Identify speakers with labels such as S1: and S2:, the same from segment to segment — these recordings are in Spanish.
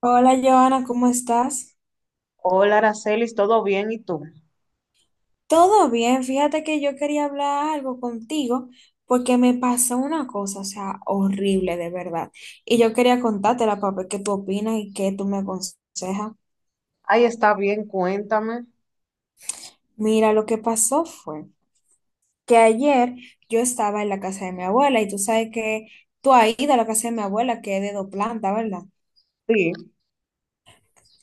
S1: Hola, Joana, ¿cómo estás?
S2: Hola, Aracelis, ¿todo bien? ¿Y tú?
S1: Todo bien, fíjate que yo quería hablar algo contigo porque me pasó una cosa, o sea, horrible de verdad. Y yo quería contártela para ver qué tú opinas y qué tú me aconsejas.
S2: Ahí está bien, cuéntame.
S1: Mira, lo que pasó fue que ayer yo estaba en la casa de mi abuela y tú sabes que tú ahí de la casa de mi abuela, que es de dos plantas, ¿verdad?
S2: Sí.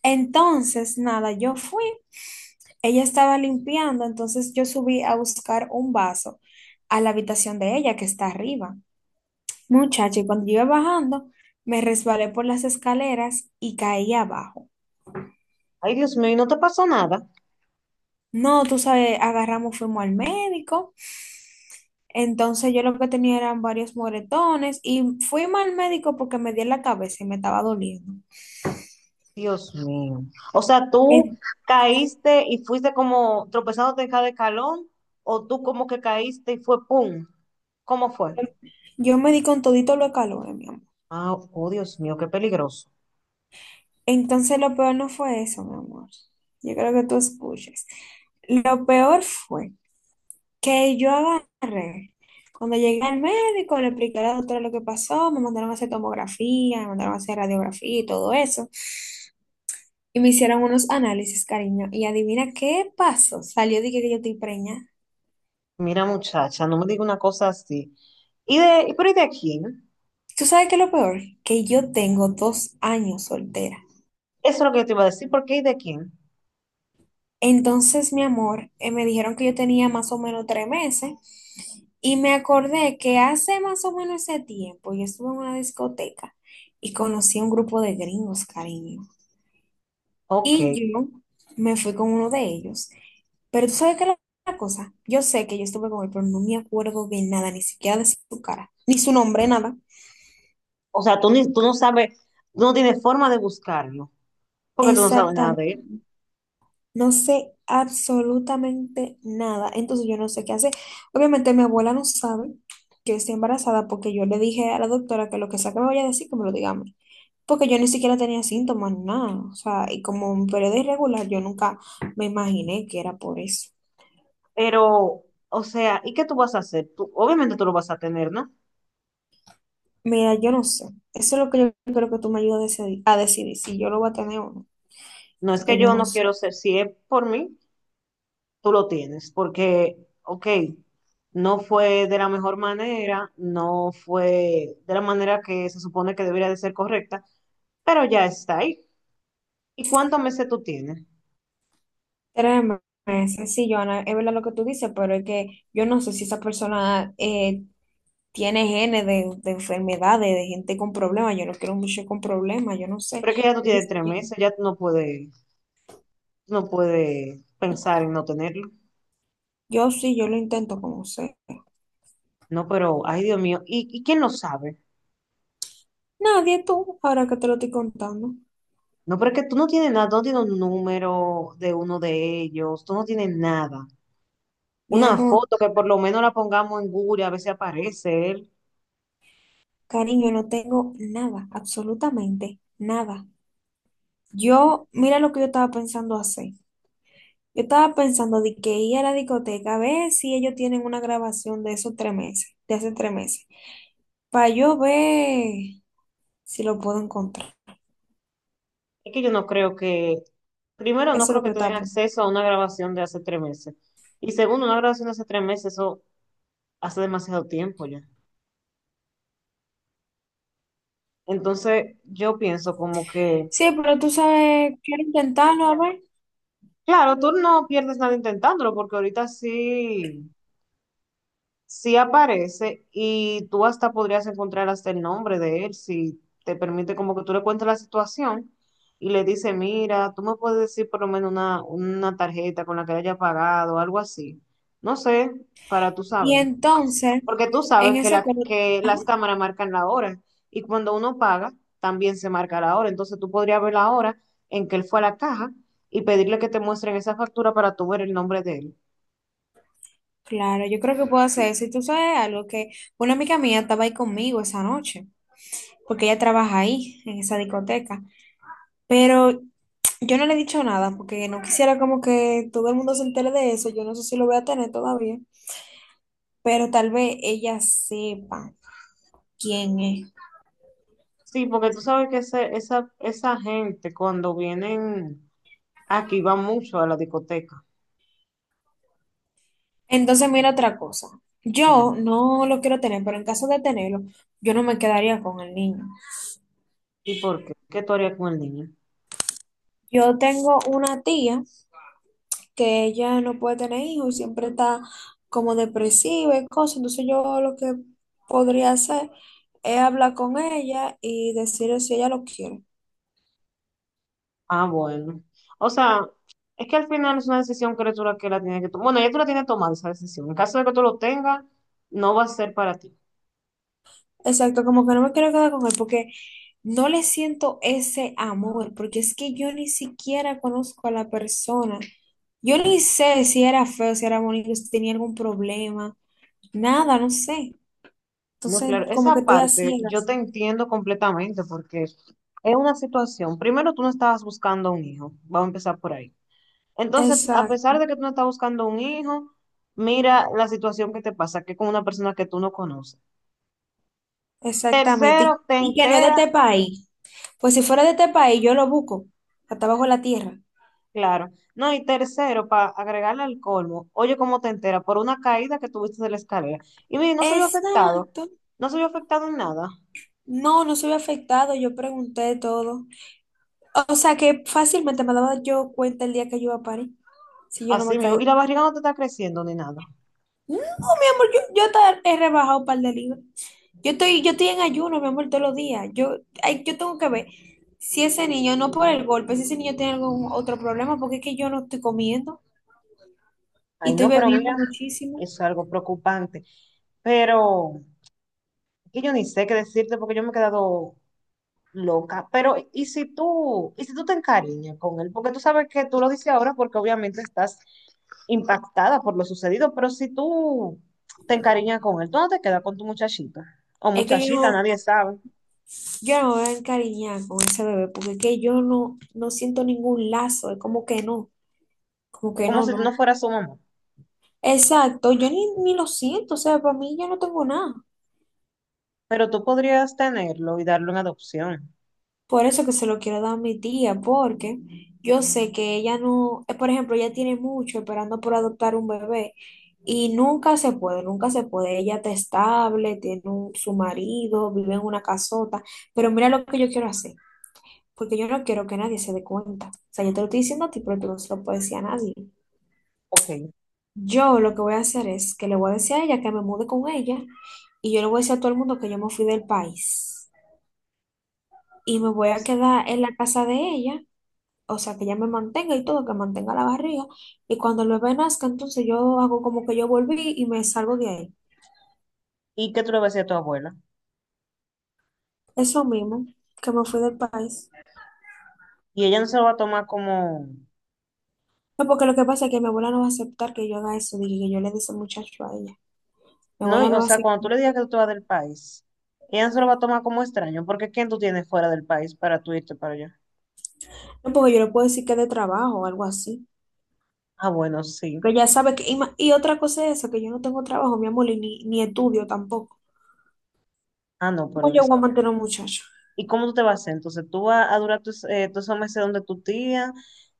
S1: Entonces, nada, yo fui, ella estaba limpiando, entonces yo subí a buscar un vaso a la habitación de ella que está arriba. Muchacho, y cuando yo iba bajando, me resbalé por las escaleras y caí abajo.
S2: Ay, Dios mío, ¿y no te pasó nada?
S1: No, tú sabes, agarramos, fuimos al médico. Entonces yo lo que tenía eran varios moretones y fuimos al médico porque me di en la cabeza y me estaba doliendo.
S2: Dios mío. O sea, ¿tú
S1: En-
S2: caíste y fuiste como tropezándote en cada escalón? ¿O tú como que caíste y fue pum? ¿Cómo fue?
S1: yo me di con todito los calores, mi amor.
S2: Ah, oh, Dios mío, qué peligroso.
S1: Entonces lo peor no fue eso, mi amor. Yo creo que tú escuches. Lo peor fue que yo agarré. Cuando llegué al médico, le expliqué a la doctora lo que pasó, me mandaron a hacer tomografía, me mandaron a hacer radiografía y todo eso. Y me hicieron unos análisis, cariño. Y adivina qué pasó. Salió, dije que yo estoy preñada.
S2: Mira, muchacha, no me digas una cosa así. Pero ¿y de quién?
S1: ¿Tú sabes qué es lo peor? Que yo tengo 2 años soltera.
S2: Eso es lo que yo te iba a decir, ¿por qué y de quién?
S1: Entonces, mi amor, me dijeron que yo tenía más o menos 3 meses. Y me acordé que hace más o menos ese tiempo yo estuve en una discoteca y conocí a un grupo de gringos, cariño.
S2: Ok.
S1: Y yo me fui con uno de ellos. Pero tú sabes qué es la cosa. Yo sé que yo estuve con él, pero no me acuerdo de nada, ni siquiera de su cara, ni su nombre, nada.
S2: O sea, tú no sabes, tú no tienes forma de buscarlo, porque tú no sabes nada de
S1: Exactamente.
S2: él.
S1: No sé absolutamente nada. Entonces yo no sé qué hacer. Obviamente mi abuela no sabe que yo estoy embarazada porque yo le dije a la doctora que lo que sea que me vaya a decir, que me lo diga a mí. Porque yo ni siquiera tenía síntomas, nada. O sea, y como un periodo irregular, yo nunca me imaginé que era por eso.
S2: Pero, o sea, ¿y qué tú vas a hacer? Tú, obviamente tú lo vas a tener, ¿no?
S1: Mira, yo no sé. Eso es lo que yo creo que tú me ayudas a decidir si yo lo voy a tener o no,
S2: No es que
S1: porque yo
S2: yo
S1: no
S2: no
S1: sé.
S2: quiero ser, si es por mí, tú lo tienes, porque, ok, no fue de la mejor manera, no fue de la manera que se supone que debería de ser correcta, pero ya está ahí. ¿Y cuántos meses tú tienes?
S1: Créeme, es sencillo, Ana, es verdad lo que tú dices, pero es que yo no sé si esa persona tiene genes de enfermedades, de gente con problemas. Yo no quiero mucho con problemas, yo no sé.
S2: Pero es que ya tú
S1: Yo,
S2: tienes
S1: dice
S2: tres
S1: que-
S2: meses, ya tú no puedes, no puedes pensar en no tenerlo.
S1: yo sí, yo lo intento como sé.
S2: No, pero, ay Dios mío, ¿y quién lo sabe?
S1: Nadie tú, ahora que te lo estoy contando.
S2: No, pero es que tú no tienes nada, tú no tienes un número de uno de ellos, tú no tienes nada.
S1: Mi
S2: Una
S1: amor,
S2: foto que por lo menos la pongamos en Google, y a ver si aparece él.
S1: cariño, no tengo nada, absolutamente nada. Yo, mira lo que yo estaba pensando hacer. Yo estaba pensando de que ir a la discoteca a ver si ellos tienen una grabación de esos 3 meses, de hace 3 meses, para yo ver si lo puedo encontrar.
S2: Es que yo no creo que, primero, no
S1: Eso es lo
S2: creo
S1: que
S2: que
S1: yo estaba
S2: tengan
S1: pensando.
S2: acceso a una grabación de hace tres meses. Y segundo, una grabación de hace tres meses, eso hace demasiado tiempo ya. Entonces, yo pienso como que,
S1: Sí, pero tú sabes, quiero intentarlo a ver.
S2: claro, tú no pierdes nada intentándolo, porque ahorita sí. Sí aparece y tú hasta podrías encontrar hasta el nombre de él si te permite como que tú le cuentes la situación y le dices, mira, tú me puedes decir por lo menos una tarjeta con la que le haya pagado, algo así. No sé, para tú
S1: Y
S2: saber.
S1: entonces,
S2: Porque tú sabes
S1: en
S2: que,
S1: ese cor-
S2: que
S1: ajá,
S2: las cámaras marcan la hora y cuando uno paga también se marca la hora. Entonces tú podrías ver la hora en que él fue a la caja y pedirle que te muestren esa factura para tú ver el nombre de él.
S1: claro, yo creo que puedo hacer eso. Y tú sabes algo que una amiga mía estaba ahí conmigo esa noche, porque ella trabaja ahí, en esa discoteca. Pero yo no le he dicho nada porque no quisiera como que todo el mundo se entere de eso. Yo no sé si lo voy a tener todavía. Pero tal vez ella sepa quién es.
S2: Sí, porque tú sabes que esa gente cuando vienen aquí va mucho a la discoteca.
S1: Entonces, mira otra cosa.
S2: Dime.
S1: Yo no lo quiero tener, pero en caso de tenerlo, yo no me quedaría con el niño.
S2: ¿Y por qué? ¿Qué tú harías con el niño?
S1: Yo tengo una tía que ella no puede tener hijos, siempre está como depresiva y cosas. Entonces, yo lo que podría hacer es hablar con ella y decirle si ella lo quiere.
S2: Ah, bueno. O sea, es que al final es una decisión que tú la que la tienes que tomar. Bueno, ya tú la tienes tomada esa decisión. En caso de que tú lo tengas, no va a ser para ti.
S1: Exacto, como que no me quiero quedar con él porque no le siento ese amor, porque es que yo ni siquiera conozco a la persona. Yo ni sé si era feo, si era bonito, si tenía algún problema, nada, no sé.
S2: No,
S1: Entonces,
S2: claro.
S1: como que
S2: Esa
S1: estoy a
S2: parte yo
S1: ciegas.
S2: te entiendo completamente porque es una situación. Primero, tú no estabas buscando un hijo. Vamos a empezar por ahí. Entonces, a pesar de
S1: Exacto,
S2: que tú no estás buscando un hijo, mira la situación que te pasa, que es con una persona que tú no conoces.
S1: exactamente.
S2: Tercero,
S1: Y,
S2: te
S1: y que no es de
S2: entera,
S1: este país. Pues si fuera de este país, yo lo busco, hasta abajo de la tierra.
S2: claro. No, y tercero, para agregarle al colmo, oye, ¿cómo te entera? Por una caída que tuviste de la escalera. Y mire, no se vio afectado,
S1: Exacto.
S2: no se vio afectado en nada.
S1: No, no soy afectado, yo pregunté todo. O sea que fácilmente me daba yo cuenta el día que yo iba a París, si yo no
S2: Así
S1: me
S2: mismo,
S1: caí.
S2: y la barriga no te está creciendo ni nada.
S1: No, mi amor, yo te he rebajado un par de libras. Yo estoy en ayuno, mi amor, todos los días. Ay, yo tengo que ver si ese niño, no por el golpe, si ese niño tiene algún otro problema, porque es que yo no estoy comiendo y
S2: Ay,
S1: estoy
S2: no, pero
S1: bebiendo
S2: mira,
S1: muchísimo.
S2: es algo preocupante. Pero que yo ni sé qué decirte porque yo me he quedado loca. Pero, ¿y si tú te encariñas con él? Porque tú sabes que tú lo dices ahora porque obviamente estás impactada por lo sucedido, pero si tú te encariñas con él, tú no te quedas con tu muchachita o
S1: Es que yo
S2: muchachita,
S1: no,
S2: nadie sabe.
S1: yo no me voy a encariñar con ese bebé, porque es que yo no siento ningún lazo, es como
S2: Es
S1: que
S2: como
S1: no,
S2: si tú
S1: no.
S2: no fueras su mamá,
S1: Exacto, yo ni lo siento, o sea, para mí yo no tengo nada.
S2: pero tú podrías tenerlo y darlo en adopción.
S1: Por eso que se lo quiero dar a mi tía, porque yo sé que ella no, por ejemplo, ella tiene mucho esperando por adoptar un bebé y nunca se puede, nunca se puede. Ella está estable, tiene su marido, vive en una casota, pero mira lo que yo quiero hacer, porque yo no quiero que nadie se dé cuenta. O sea, yo te lo estoy diciendo a ti, pero tú no se lo puedes decir a nadie.
S2: Ok.
S1: Yo lo que voy a hacer es que le voy a decir a ella que me mude con ella y yo le voy a decir a todo el mundo que yo me fui del país y me voy
S2: O
S1: a
S2: s-
S1: quedar en la casa de ella, o sea, que ya me mantenga y todo, que mantenga la barriga. Y cuando el bebé nazca, entonces yo hago como que yo volví y me salgo de ahí.
S2: ¿Y qué tú le vas a decir a tu abuela?
S1: Eso mismo, que me fui del país.
S2: Y ella no se lo va a tomar como,
S1: No, porque lo que pasa es que mi abuela no va a aceptar que yo haga eso, dije que yo le dé ese muchacho a ella. Mi
S2: no,
S1: abuela
S2: y-
S1: me
S2: o
S1: va a
S2: sea,
S1: decir,
S2: cuando tú le digas que tú te vas del país, ella no se lo va a tomar como extraño, porque ¿quién tú tienes fuera del país para tú irte para allá?
S1: no, porque yo le puedo decir que es de trabajo o algo así.
S2: Ah, bueno, sí.
S1: Pero ya sabe que, y otra cosa es eso, que yo no tengo trabajo, mi amor, y ni estudio tampoco.
S2: Ah, no,
S1: ¿Cómo
S2: pero
S1: yo
S2: es.
S1: voy a mantener a un muchacho?
S2: ¿Y cómo tú te vas a hacer? Entonces, tú vas a durar tus, todos esos meses donde tu tía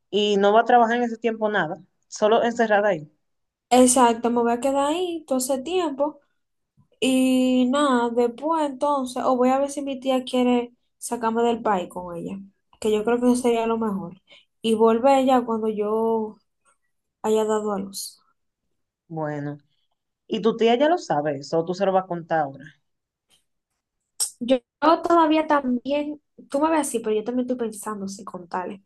S2: y no va a trabajar en ese tiempo nada, solo encerrada ahí.
S1: Exacto, me voy a quedar ahí todo ese tiempo. Y nada, después entonces, o voy a ver si mi tía quiere sacarme del país con ella, que yo creo que eso sería lo mejor. Y volver ya cuando yo haya dado a luz.
S2: Bueno, y tu tía ya lo sabe eso, tú se lo vas a contar ahora.
S1: Yo todavía también, tú me ves así, pero yo también estoy pensando si contarle.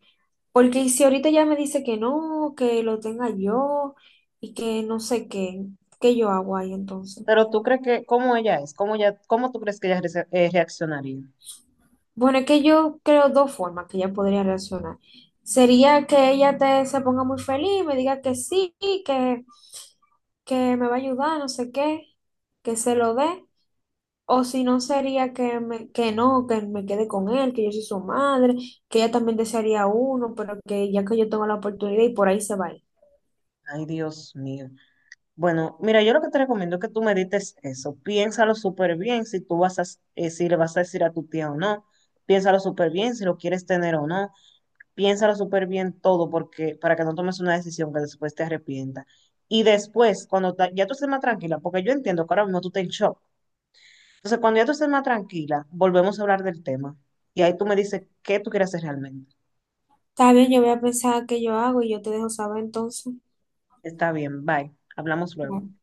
S1: Porque si ahorita ya me dice que no, que lo tenga yo y que no sé qué, ¿qué yo hago ahí entonces?
S2: Pero tú crees que, ¿cómo ella es? ¿Cómo tú crees que ella reaccionaría?
S1: Bueno, es que yo creo dos formas que ella podría reaccionar. Sería que ella te, se ponga muy feliz, me diga que sí, que que me va a ayudar, no sé qué, que se lo dé. O si no sería que, me, que no, que me quede con él, que yo soy su madre, que ella también desearía uno, pero que ya que yo tengo la oportunidad y por ahí se va a ir.
S2: Ay, Dios mío. Bueno, mira, yo lo que te recomiendo es que tú medites eso. Piénsalo súper bien si tú vas a si le vas a decir a tu tía o no. Piénsalo súper bien si lo quieres tener o no, piénsalo súper bien todo porque, para que no tomes una decisión que después te arrepienta. Y después, cuando ya tú estés más tranquila, porque yo entiendo que ahora mismo tú estás en shock. Entonces, cuando ya tú estés más tranquila, volvemos a hablar del tema. Y ahí tú me dices qué tú quieres hacer realmente.
S1: Está bien, yo voy a pensar qué yo hago y yo te dejo saber entonces.
S2: Está bien, bye. Hablamos luego.
S1: Bueno.